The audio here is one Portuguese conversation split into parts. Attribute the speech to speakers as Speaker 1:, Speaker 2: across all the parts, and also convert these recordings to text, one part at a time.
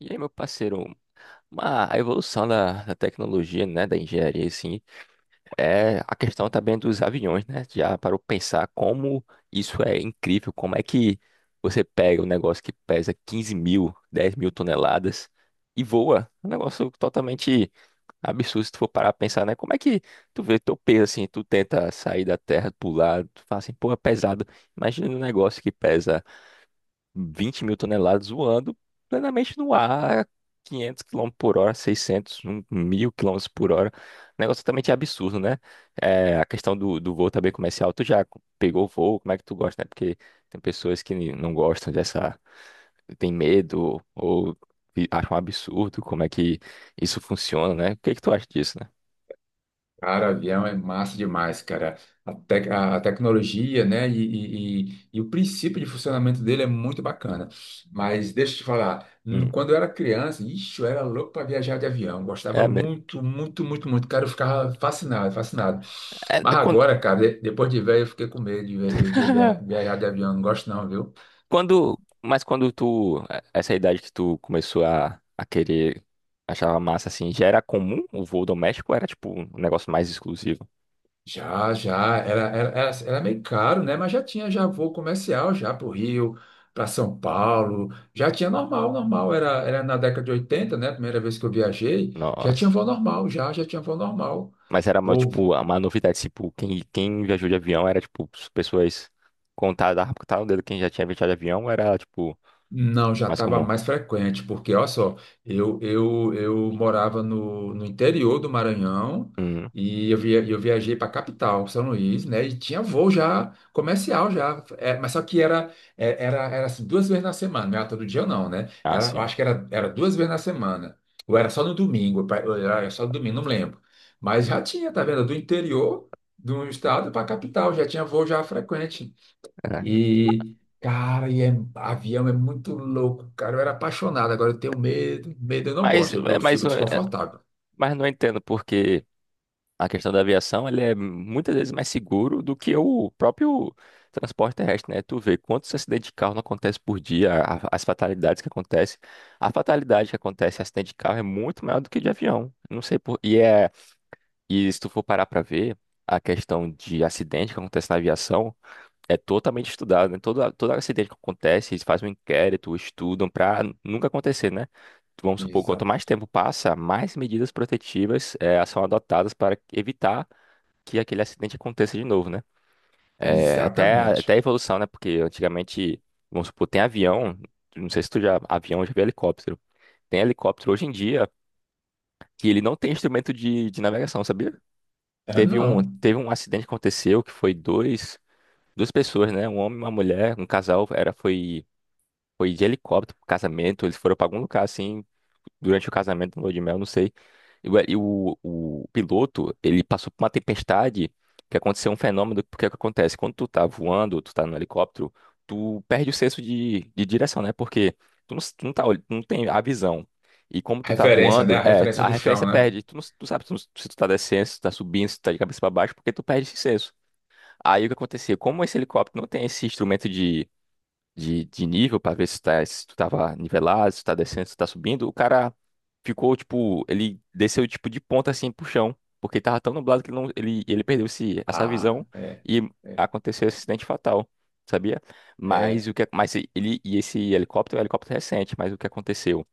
Speaker 1: E aí, meu parceiro, a evolução da tecnologia, né, da engenharia, assim, é a questão também dos aviões, né? Já parou pra pensar como isso é incrível, como é que você pega um negócio que pesa 15 mil, 10 mil toneladas e voa. Um negócio totalmente absurdo se tu for parar pra pensar, né? Como é que tu vê teu peso, assim, tu tenta sair da terra, pular, tu fala assim, pô, é pesado. Imagina um negócio que pesa 20 mil toneladas voando plenamente no ar, 500 km por hora, 600 um mil quilômetros por hora. Negócio totalmente absurdo, né? É, a questão do voo também comercial, tu já pegou o voo, como é que tu gosta, né? Porque tem pessoas que não gostam dessa, tem medo ou e acham um absurdo como é que isso funciona, né? O que que tu acha disso, né?
Speaker 2: Cara, avião é massa demais, cara. A tecnologia, né, e o princípio de funcionamento dele é muito bacana. Mas deixa eu te falar,
Speaker 1: Hum.
Speaker 2: quando eu era criança, ixi, eu era louco para viajar de avião. Gostava
Speaker 1: É,
Speaker 2: muito, muito, muito, muito. Cara, eu ficava fascinado, fascinado. Mas
Speaker 1: é, quando...
Speaker 2: agora, cara, depois de velho, eu fiquei com medo de, viajar de avião. Não gosto não, viu?
Speaker 1: Mas quando tu, é, essa idade que tu começou a querer, achava massa assim, já era comum o voo doméstico? Ou era tipo um negócio mais exclusivo?
Speaker 2: Já, era meio caro, né? Mas já tinha já voo comercial já para o Rio, para São Paulo, já tinha normal, normal, era na década de oitenta, né? Primeira vez que eu viajei, já tinha
Speaker 1: Nossa.
Speaker 2: voo normal, já tinha voo normal.
Speaker 1: Mas era uma, tipo, uma novidade, tipo, quem viajou de avião era tipo as pessoas contadas, ah, contavam o dedo quem já tinha viajado de avião, ou era tipo
Speaker 2: Não, já
Speaker 1: mais
Speaker 2: estava
Speaker 1: comum.
Speaker 2: mais frequente, porque olha só, eu morava no interior do Maranhão,
Speaker 1: Hum,
Speaker 2: e eu viajei para a capital, São Luís, né? E tinha voo já comercial já, é, mas só que era, é, era assim, duas vezes na semana, não era todo dia não, né?
Speaker 1: ah,
Speaker 2: Era, eu
Speaker 1: sim.
Speaker 2: acho que era, era duas vezes na semana, ou era só no domingo, ou era só no domingo, não lembro. Mas já tinha, tá vendo? Do interior do estado para a capital, já tinha voo já frequente.
Speaker 1: É.
Speaker 2: E, cara, e é, avião é muito louco, cara. Eu era apaixonado, agora eu tenho medo. Medo eu não
Speaker 1: Mas,
Speaker 2: gosto,
Speaker 1: é,
Speaker 2: eu
Speaker 1: mas,
Speaker 2: fico
Speaker 1: é,
Speaker 2: desconfortável.
Speaker 1: mas não entendo porque a questão da aviação, ele é muitas vezes mais seguro do que o próprio transporte terrestre, né? Tu vê quantos acidentes de carro não acontece por dia, as fatalidades que acontecem. A fatalidade que acontece em acidente de carro é muito maior do que de avião. Não sei por... E é... E se tu for parar pra ver, a questão de acidente que acontece na aviação é totalmente estudada, né? Todo acidente que acontece, eles fazem um inquérito, estudam pra nunca acontecer, né? Vamos supor, quanto
Speaker 2: Exa-
Speaker 1: mais tempo passa, mais medidas protetivas são adotadas para evitar que aquele acidente aconteça de novo, né? É, até
Speaker 2: Exatamente.
Speaker 1: a evolução, né? Porque antigamente, vamos supor, tem avião, não sei se tu já, avião, já viu helicóptero. Tem helicóptero hoje em dia que ele não tem instrumento de navegação, sabia?
Speaker 2: É,
Speaker 1: Teve um,
Speaker 2: não.
Speaker 1: teve um acidente que aconteceu que foi dois, duas pessoas, né? Um homem e uma mulher, um casal, era, foi de helicóptero pro casamento. Eles foram pra algum lugar assim durante o casamento, no lua de mel, não sei. O piloto, ele passou por uma tempestade que aconteceu um fenômeno, porque é o que acontece? Quando tu tá voando, tu tá no helicóptero, tu perde o senso de direção, né? Porque tu não, s- tu não tá, olh- não tem a visão. E como tu tá
Speaker 2: Referência, né?
Speaker 1: voando,
Speaker 2: A
Speaker 1: é,
Speaker 2: referência
Speaker 1: a
Speaker 2: do chão,
Speaker 1: referência
Speaker 2: né?
Speaker 1: perde. Tu não, s- tu sabe se tu tá descendo, se tu tá subindo, se tu tá de cabeça pra baixo, porque tu perde esse senso. Aí o que aconteceu? Como esse helicóptero não tem esse instrumento de nível para ver se, tá, se tu tava nivelado, se tu tá descendo, se tu tá subindo, o cara ficou, tipo, ele desceu, tipo, de ponta, assim, pro chão, porque tava tão nublado que ele, não, ele perdeu esse, essa
Speaker 2: Ah,
Speaker 1: visão
Speaker 2: é,
Speaker 1: e
Speaker 2: é,
Speaker 1: aconteceu esse acidente fatal, sabia? Mas
Speaker 2: é.
Speaker 1: o que, mas ele, e esse helicóptero é um helicóptero recente, mas o que aconteceu?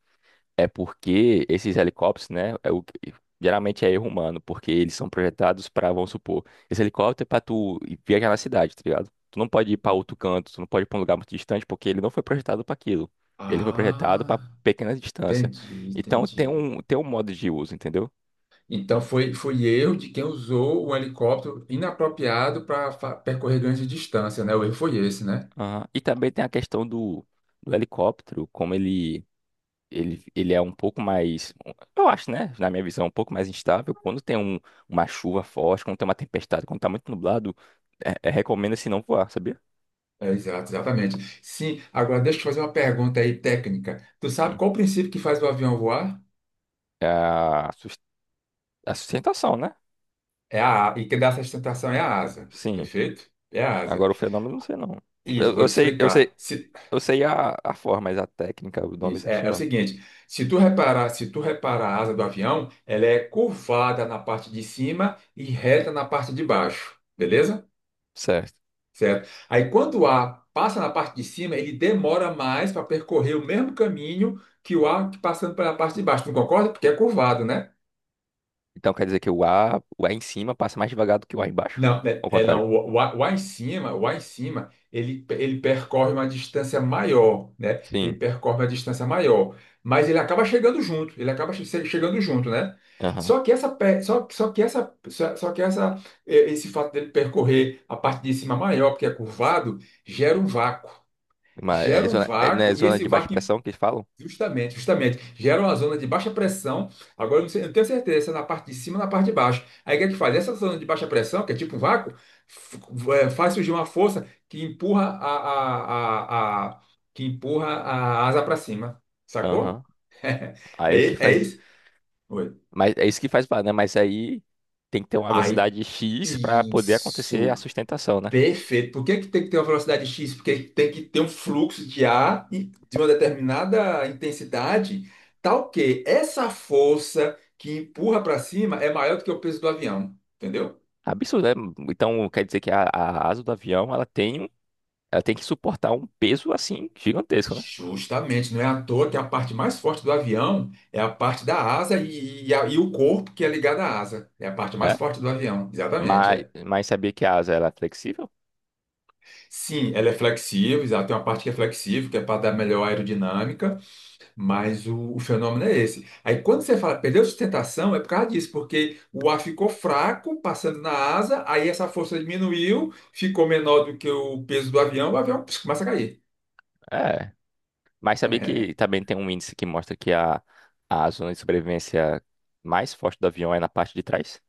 Speaker 1: É porque esses helicópteros, né, geralmente é erro humano, porque eles são projetados para, vamos supor, esse helicóptero é para tu ir viajar na cidade, tá ligado? Tu não pode ir para outro canto, tu não pode ir para um lugar muito distante, porque ele não foi projetado para aquilo. Ele foi projetado para
Speaker 2: Ah,
Speaker 1: pequena distância.
Speaker 2: entendi,
Speaker 1: Então tem
Speaker 2: entendi.
Speaker 1: um tem um modo de uso, entendeu?
Speaker 2: Então foi, foi eu de quem usou o helicóptero inapropriado para percorrer grandes distâncias, né? O erro foi esse, né?
Speaker 1: Aham. E também tem a questão do helicóptero, como ele é um pouco mais, eu acho, né, na minha visão, um pouco mais instável. Quando tem uma chuva forte, quando tem uma tempestade, quando tá muito nublado, recomenda-se não voar, sabia?
Speaker 2: É, exato, exatamente. Sim, agora deixa eu te fazer uma pergunta aí técnica. Tu sabe
Speaker 1: Hum.
Speaker 2: qual o princípio que faz o avião voar?
Speaker 1: É a sustentação, né?
Speaker 2: É a, e que dá essa sustentação é a asa.
Speaker 1: Sim.
Speaker 2: Perfeito? É a asa.
Speaker 1: Agora o fenômeno, eu não sei não.
Speaker 2: Isso,
Speaker 1: Eu,
Speaker 2: vou
Speaker 1: eu
Speaker 2: te
Speaker 1: sei,
Speaker 2: explicar.
Speaker 1: eu sei a forma, mas a técnica, o nome
Speaker 2: É,
Speaker 1: certinho
Speaker 2: é o
Speaker 1: não.
Speaker 2: seguinte, se tu reparar, se tu reparar a asa do avião, ela é curvada na parte de cima e reta na parte de baixo, beleza?
Speaker 1: Certo.
Speaker 2: Certo. Aí quando o ar passa na parte de cima, ele demora mais para percorrer o mesmo caminho que o ar que passando pela parte de baixo. Tu concorda? Porque é curvado, né?
Speaker 1: Então quer dizer que o ar em cima passa mais devagar do que o ar embaixo?
Speaker 2: Não, é,
Speaker 1: Ao
Speaker 2: é
Speaker 1: contrário.
Speaker 2: não. Lá em cima, lá em cima, ele percorre uma distância maior, né? Ele
Speaker 1: Sim.
Speaker 2: percorre uma distância maior, mas ele acaba chegando junto. Ele acaba chegando junto, né?
Speaker 1: Aham.
Speaker 2: Só que essa, pe- só, só que essa, só, só que essa, eh, esse fato dele percorrer a parte de cima maior, porque é curvado, gera um vácuo.
Speaker 1: Mas é
Speaker 2: Gera um
Speaker 1: zona, é, né,
Speaker 2: vácuo e
Speaker 1: zona
Speaker 2: esse
Speaker 1: de baixa
Speaker 2: vácuo.
Speaker 1: pressão que eles falam?
Speaker 2: Justamente, justamente. Gera uma zona de baixa pressão. Agora, eu não tenho certeza se é na parte de cima ou na parte de baixo. Aí, o que é que faz? Essa zona de baixa pressão, que é tipo um vácuo, f- é, faz surgir uma força que empurra a, a, a- que empurra a asa para cima. Sacou?
Speaker 1: Aham. Aí o que
Speaker 2: É
Speaker 1: faz.
Speaker 2: isso? Oi.
Speaker 1: Mas é isso que faz, né? Mas aí tem que ter uma
Speaker 2: Aí,
Speaker 1: velocidade X para poder acontecer
Speaker 2: isso.
Speaker 1: a sustentação, né?
Speaker 2: Perfeito. Por que que tem que ter uma velocidade X? Porque tem que ter um fluxo de ar de uma determinada intensidade, tal que essa força que empurra para cima é maior do que o peso do avião, entendeu?
Speaker 1: Absurdo, né? Então quer dizer que a asa do avião ela tem que suportar um peso assim gigantesco, né?
Speaker 2: Justamente, não é à toa que a parte mais forte do avião é a parte da asa e, e o corpo que é ligado à asa. É a parte mais
Speaker 1: É.
Speaker 2: forte do avião, exatamente,
Speaker 1: Mas,
Speaker 2: é.
Speaker 1: mas sabia que a asa ela é flexível?
Speaker 2: Sim, ela é flexível, exato. Tem uma parte que é flexível, que é para dar melhor aerodinâmica. Mas o fenômeno é esse. Aí quando você fala perdeu sustentação, é por causa disso, porque o ar ficou fraco, passando na asa, aí essa força diminuiu, ficou menor do que o peso do avião, o avião pss, começa a cair.
Speaker 1: É. Mas sabia que também tem um índice que mostra que a zona de sobrevivência mais forte do avião é na parte de trás?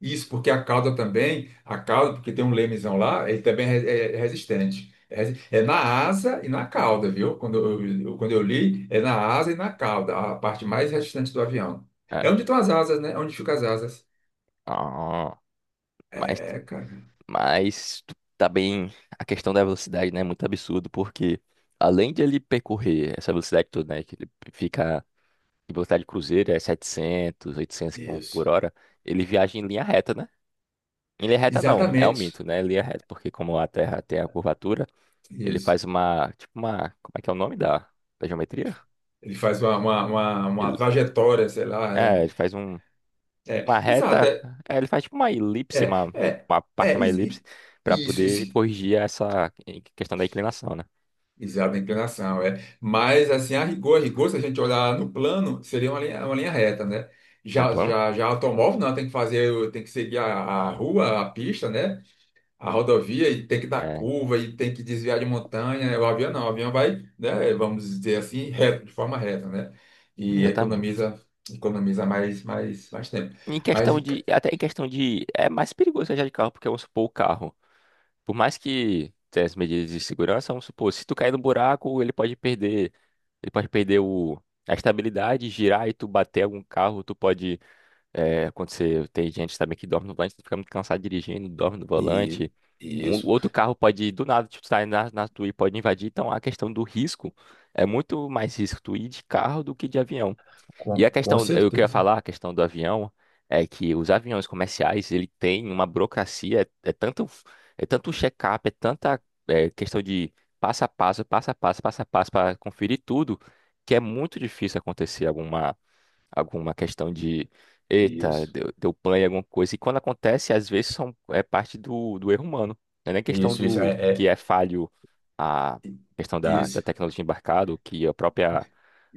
Speaker 2: Isso porque a cauda também, a cauda, porque tem um lemezão lá, ele também é, é resistente. É, é na asa e na cauda, viu? Quando eu li, é na asa e na cauda, a parte mais resistente do avião. É
Speaker 1: É.
Speaker 2: onde estão as asas, né? É onde ficam as asas.
Speaker 1: Ah, mas
Speaker 2: É, cara.
Speaker 1: Tá bem a questão da velocidade, né? É muito absurdo, porque além de ele percorrer essa velocidade toda, né? Que ele fica em velocidade cruzeiro, é 700, 800 km por
Speaker 2: Isso.
Speaker 1: hora, ele viaja em linha reta, né? Em linha reta não, é um
Speaker 2: Exatamente.
Speaker 1: mito, né? Linha reta, porque como a Terra tem a curvatura, ele
Speaker 2: Isso.
Speaker 1: faz uma, tipo uma, como é que é o nome da
Speaker 2: Ele
Speaker 1: geometria?
Speaker 2: ele faz uma
Speaker 1: Ele,
Speaker 2: trajetória, sei lá.
Speaker 1: é,
Speaker 2: É,
Speaker 1: ele faz
Speaker 2: é,
Speaker 1: uma
Speaker 2: exato,
Speaker 1: reta,
Speaker 2: é,
Speaker 1: ele faz tipo uma elipse,
Speaker 2: é,
Speaker 1: uma,
Speaker 2: é,
Speaker 1: uma parte de
Speaker 2: é,
Speaker 1: uma elipse, para
Speaker 2: isso,
Speaker 1: poder
Speaker 2: isso.
Speaker 1: corrigir essa questão da inclinação, né?
Speaker 2: Exato, a inclinação, é. Mas, assim, a rigor, se a gente olhar no plano, seria uma linha reta, né?
Speaker 1: No
Speaker 2: Já,
Speaker 1: plano.
Speaker 2: já, já automóvel, não, tem que fazer, tem que seguir a rua, a pista, né? A rodovia, e tem que dar
Speaker 1: É,
Speaker 2: curva e tem que desviar de montanha, né? O avião não, o avião vai, né, vamos dizer assim, reto, de forma reta, né? E
Speaker 1: exatamente.
Speaker 2: economiza, economiza mais, mais, mais tempo.
Speaker 1: Em
Speaker 2: Mas
Speaker 1: questão de, até em questão de, é mais perigoso viajar de carro, porque vamos supor o carro, por mais que tenha as medidas de segurança, vamos supor, se tu cair no buraco, ele pode perder, ele pode perder o, a estabilidade, girar e tu bater algum carro, tu pode, acontecer, tem gente também que dorme no volante, tu fica muito cansado dirigindo, dorme no
Speaker 2: e,
Speaker 1: volante,
Speaker 2: e
Speaker 1: um,
Speaker 2: isso,
Speaker 1: outro carro pode, do nada, tipo, sair na tua e pode invadir, então a questão do risco, é muito mais risco tu ir de carro do que de avião. E a
Speaker 2: com
Speaker 1: questão, eu queria
Speaker 2: certeza.
Speaker 1: falar, a questão do avião, é que os aviões comerciais, ele tem uma burocracia, é tanto check-up, é tanta questão de passo a passo, passo a passo, passo a passo, para conferir tudo, que é muito difícil acontecer alguma questão de, eita,
Speaker 2: Isso,
Speaker 1: deu pane em alguma coisa. E quando acontece, às vezes são, é parte do erro humano. Não é nem questão
Speaker 2: isso,
Speaker 1: do
Speaker 2: é,
Speaker 1: que
Speaker 2: é,
Speaker 1: é falho a questão da
Speaker 2: isso,
Speaker 1: tecnologia embarcada, ou que a própria,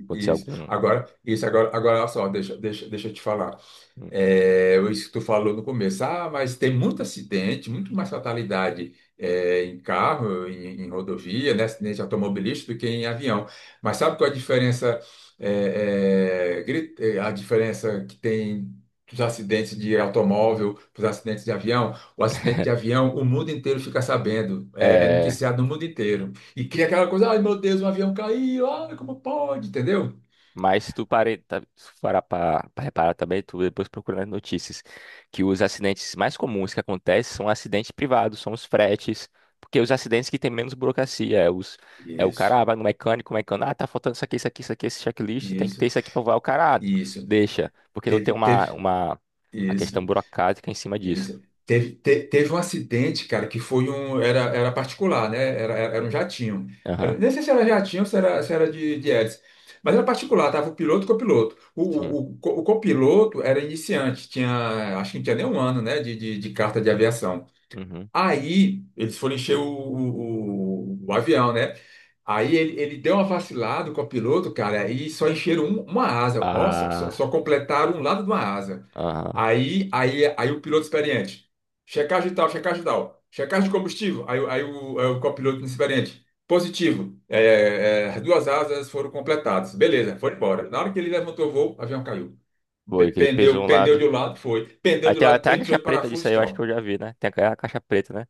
Speaker 1: aconteceu
Speaker 2: isso.
Speaker 1: algum...
Speaker 2: Agora, isso, agora, agora, olha só, deixa, deixa, deixa eu te falar.
Speaker 1: algum-
Speaker 2: É, isso que tu falou no começo. Ah, mas tem muito acidente, muito mais fatalidade é, em carro, em, em rodovia, né, acidente automobilístico do que em avião. Mas sabe qual é a diferença, é, é, é, a diferença que tem dos acidentes de automóvel para os acidentes de avião? O acidente de avião, o mundo inteiro fica sabendo, é, é
Speaker 1: é,
Speaker 2: noticiado no mundo inteiro. E cria aquela coisa, ai meu Deus, um avião caiu, ai, como pode, entendeu?
Speaker 1: Mas se tu parar para reparar também, tu depois procura nas notícias que os acidentes mais comuns que acontecem são acidentes privados, são os fretes, porque os acidentes que tem menos burocracia, é, os, é o cara
Speaker 2: Isso,
Speaker 1: ah, vai no mecânico, o mecânico, ah, tá faltando isso aqui, isso aqui, isso aqui, esse checklist, tem que ter
Speaker 2: isso,
Speaker 1: isso aqui para voar, o cara, ah,
Speaker 2: isso.
Speaker 1: deixa, porque não tem
Speaker 2: Teve,
Speaker 1: uma,
Speaker 2: teve.
Speaker 1: a questão
Speaker 2: Isso.
Speaker 1: burocrática em cima disso.
Speaker 2: Isso. Teve, teve um acidente, cara, que foi um. Era, era particular, né? Era um jatinho. Era,
Speaker 1: Aham,
Speaker 2: nem sei se era jatinho ou se era, se era de hélice. Mas era particular, tava o piloto e o copiloto.
Speaker 1: sim.
Speaker 2: O copiloto era iniciante, tinha, acho que não tinha nem um ano, né, de carta de aviação.
Speaker 1: Uhum.
Speaker 2: Aí eles foram encher o avião, né? Aí ele deu uma vacilada com o piloto, cara, e só encheram uma asa, ó, só,
Speaker 1: Ah,
Speaker 2: só completaram um lado de uma asa.
Speaker 1: aham.
Speaker 2: Aí o piloto experiente, checagem tal, checagem tal, checagem de combustível. Aí o copiloto inexperiente, positivo, é, é, duas asas foram completadas, beleza, foi embora. Na hora que ele levantou o voo, o avião caiu.
Speaker 1: Foi, que ele pesou
Speaker 2: Pendeu,
Speaker 1: um
Speaker 2: pendeu
Speaker 1: lado.
Speaker 2: de um lado, foi. Pendeu
Speaker 1: Aí
Speaker 2: de um
Speaker 1: tem até
Speaker 2: lado,
Speaker 1: a
Speaker 2: entrou
Speaker 1: caixa
Speaker 2: em
Speaker 1: preta disso
Speaker 2: parafuso,
Speaker 1: aí, eu acho que eu
Speaker 2: tchau.
Speaker 1: já vi, né? Tem a caixa preta, né?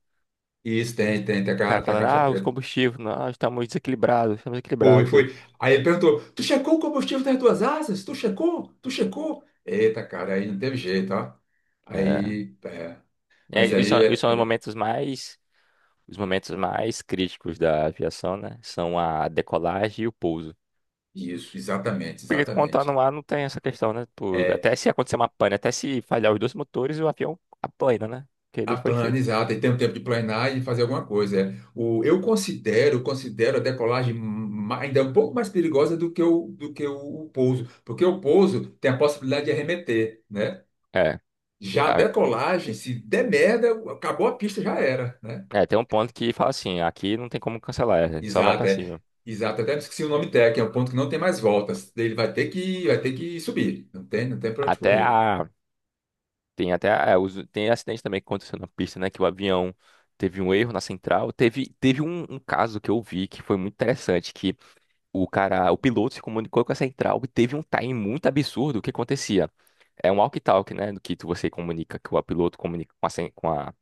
Speaker 2: Isso, tem, tem, tem a,
Speaker 1: O cara
Speaker 2: tem a
Speaker 1: falando,
Speaker 2: caixa
Speaker 1: ah, os
Speaker 2: preta.
Speaker 1: combustíveis, nós estamos desequilibrados, estamos
Speaker 2: Foi,
Speaker 1: equilibrados.
Speaker 2: foi. Aí ele perguntou: Tu checou o combustível das duas asas? Tu checou? Tu checou? Eita, cara, aí não teve jeito, ó.
Speaker 1: É,
Speaker 2: Aí, é, mas
Speaker 1: isso,
Speaker 2: aí,
Speaker 1: isso
Speaker 2: é,
Speaker 1: são
Speaker 2: é,
Speaker 1: os momentos mais críticos da aviação, né? São a decolagem e o pouso.
Speaker 2: isso, exatamente,
Speaker 1: Porque quando tá
Speaker 2: exatamente.
Speaker 1: no ar não tem essa questão, né? Tipo,
Speaker 2: É,
Speaker 1: até se acontecer uma pane, até se falhar os dois motores, o avião apanha, né? Porque ele
Speaker 2: a
Speaker 1: foi
Speaker 2: plana,
Speaker 1: feito.
Speaker 2: exato, e tem um tempo de planear e fazer alguma coisa, é. O, eu considero, considero a decolagem ainda um pouco mais perigosa do que o pouso, porque o pouso tem a possibilidade de arremeter, né?
Speaker 1: É,
Speaker 2: Já a
Speaker 1: a-
Speaker 2: decolagem, se der merda, acabou a pista, já era, né?
Speaker 1: tem um ponto que fala assim, aqui não tem como cancelar, a gente só vai
Speaker 2: Exato,
Speaker 1: pra
Speaker 2: é.
Speaker 1: cima.
Speaker 2: Exato, até me esqueci o nome técnico, é um ponto que não tem mais voltas. Ele vai ter que subir. Não tem para onde
Speaker 1: Até
Speaker 2: correr.
Speaker 1: a Tem até tem acidente também que aconteceu na pista, né? Que o avião teve um erro na central. Teve um caso que eu vi que foi muito interessante, que o piloto se comunicou com a central e teve um time muito absurdo o que acontecia. É um walkie-talkie, né? Do que você comunica, que o piloto comunica com a, cen- com a,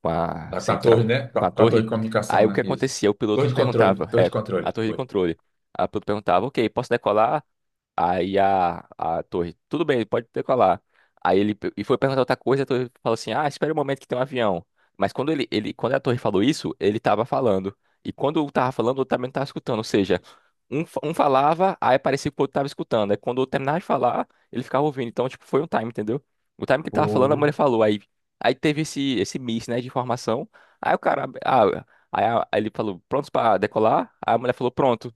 Speaker 1: com a
Speaker 2: Tá com a torre,
Speaker 1: central,
Speaker 2: né? Com
Speaker 1: com
Speaker 2: a
Speaker 1: a
Speaker 2: com a torre
Speaker 1: torre.
Speaker 2: de
Speaker 1: Aí
Speaker 2: comunicação,
Speaker 1: o que
Speaker 2: né? Isso.
Speaker 1: acontecia? O piloto
Speaker 2: Torre de controle,
Speaker 1: perguntava,
Speaker 2: torre de controle.
Speaker 1: a torre de
Speaker 2: Foi.
Speaker 1: controle. Aí o piloto perguntava, ok, posso decolar? Aí a torre, tudo bem, pode decolar. Aí ele foi perguntar outra coisa, a torre falou assim: "Ah, espera um momento que tem um avião". Mas quando ele, quando a torre falou isso, ele tava falando. E quando eu tava falando, o outro também tava escutando, ou seja, um, um falava, aí parecia que o outro tava escutando. Aí quando o terminava de falar, ele ficava ouvindo. Então, tipo, foi um time, entendeu? O time que ele tava falando, a
Speaker 2: Foi,
Speaker 1: mulher falou. Aí teve esse miss, né, de informação. Aí o cara, ah, aí, aí ele falou: "Prontos pra decolar?". Aí a mulher falou: "Pronto".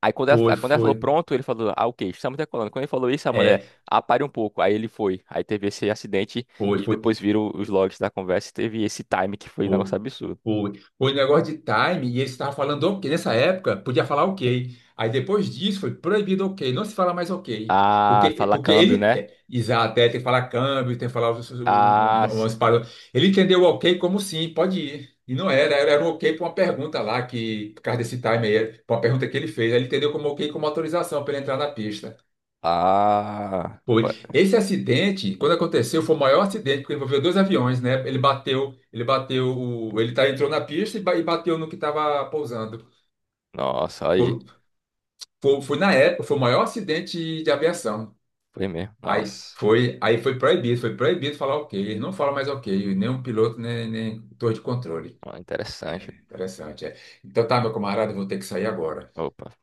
Speaker 1: Aí quando ela,
Speaker 2: foi,
Speaker 1: falou
Speaker 2: foi.
Speaker 1: pronto, ele falou, ah, ok, estamos decolando. Quando ele falou isso, a mulher,
Speaker 2: É,
Speaker 1: ah, pare um pouco. Aí ele foi. Aí teve esse acidente
Speaker 2: foi,
Speaker 1: e depois
Speaker 2: foi,
Speaker 1: viram os logs da conversa e teve esse time que foi um
Speaker 2: foi.
Speaker 1: negócio absurdo.
Speaker 2: Foi. Foi um negócio de time e eles estavam falando ok. Nessa época, podia falar ok. Aí depois disso foi proibido ok. Não se fala mais ok.
Speaker 1: Ah, fala
Speaker 2: Porque
Speaker 1: câmbio,
Speaker 2: ele,
Speaker 1: né?
Speaker 2: é, exato, é, tem que falar câmbio, tem que falar
Speaker 1: Ah, s-
Speaker 2: umas palavras. Ele entendeu o ok como sim, pode ir. E não era, era um ok para uma pergunta lá, que, por causa desse time aí, para uma pergunta que ele fez. Aí ele entendeu como ok como autorização para ele entrar na pista.
Speaker 1: ah,
Speaker 2: Foi.
Speaker 1: pa-
Speaker 2: Esse acidente, quando aconteceu, foi o maior acidente, porque envolveu dois aviões, né? Ele bateu, ele bateu, ele tá, entrou na pista e bateu no que estava pousando.
Speaker 1: Nossa, aí.
Speaker 2: Por- Foi, foi na época, foi o maior acidente de aviação.
Speaker 1: Foi mesmo, nossa.
Speaker 2: Aí foi proibido falar ok. Eles não falam mais ok, nem o piloto, nem torre de controle.
Speaker 1: Ah, interessante.
Speaker 2: Interessante, é. Então tá, meu camarada, eu vou ter que sair agora.
Speaker 1: Opa.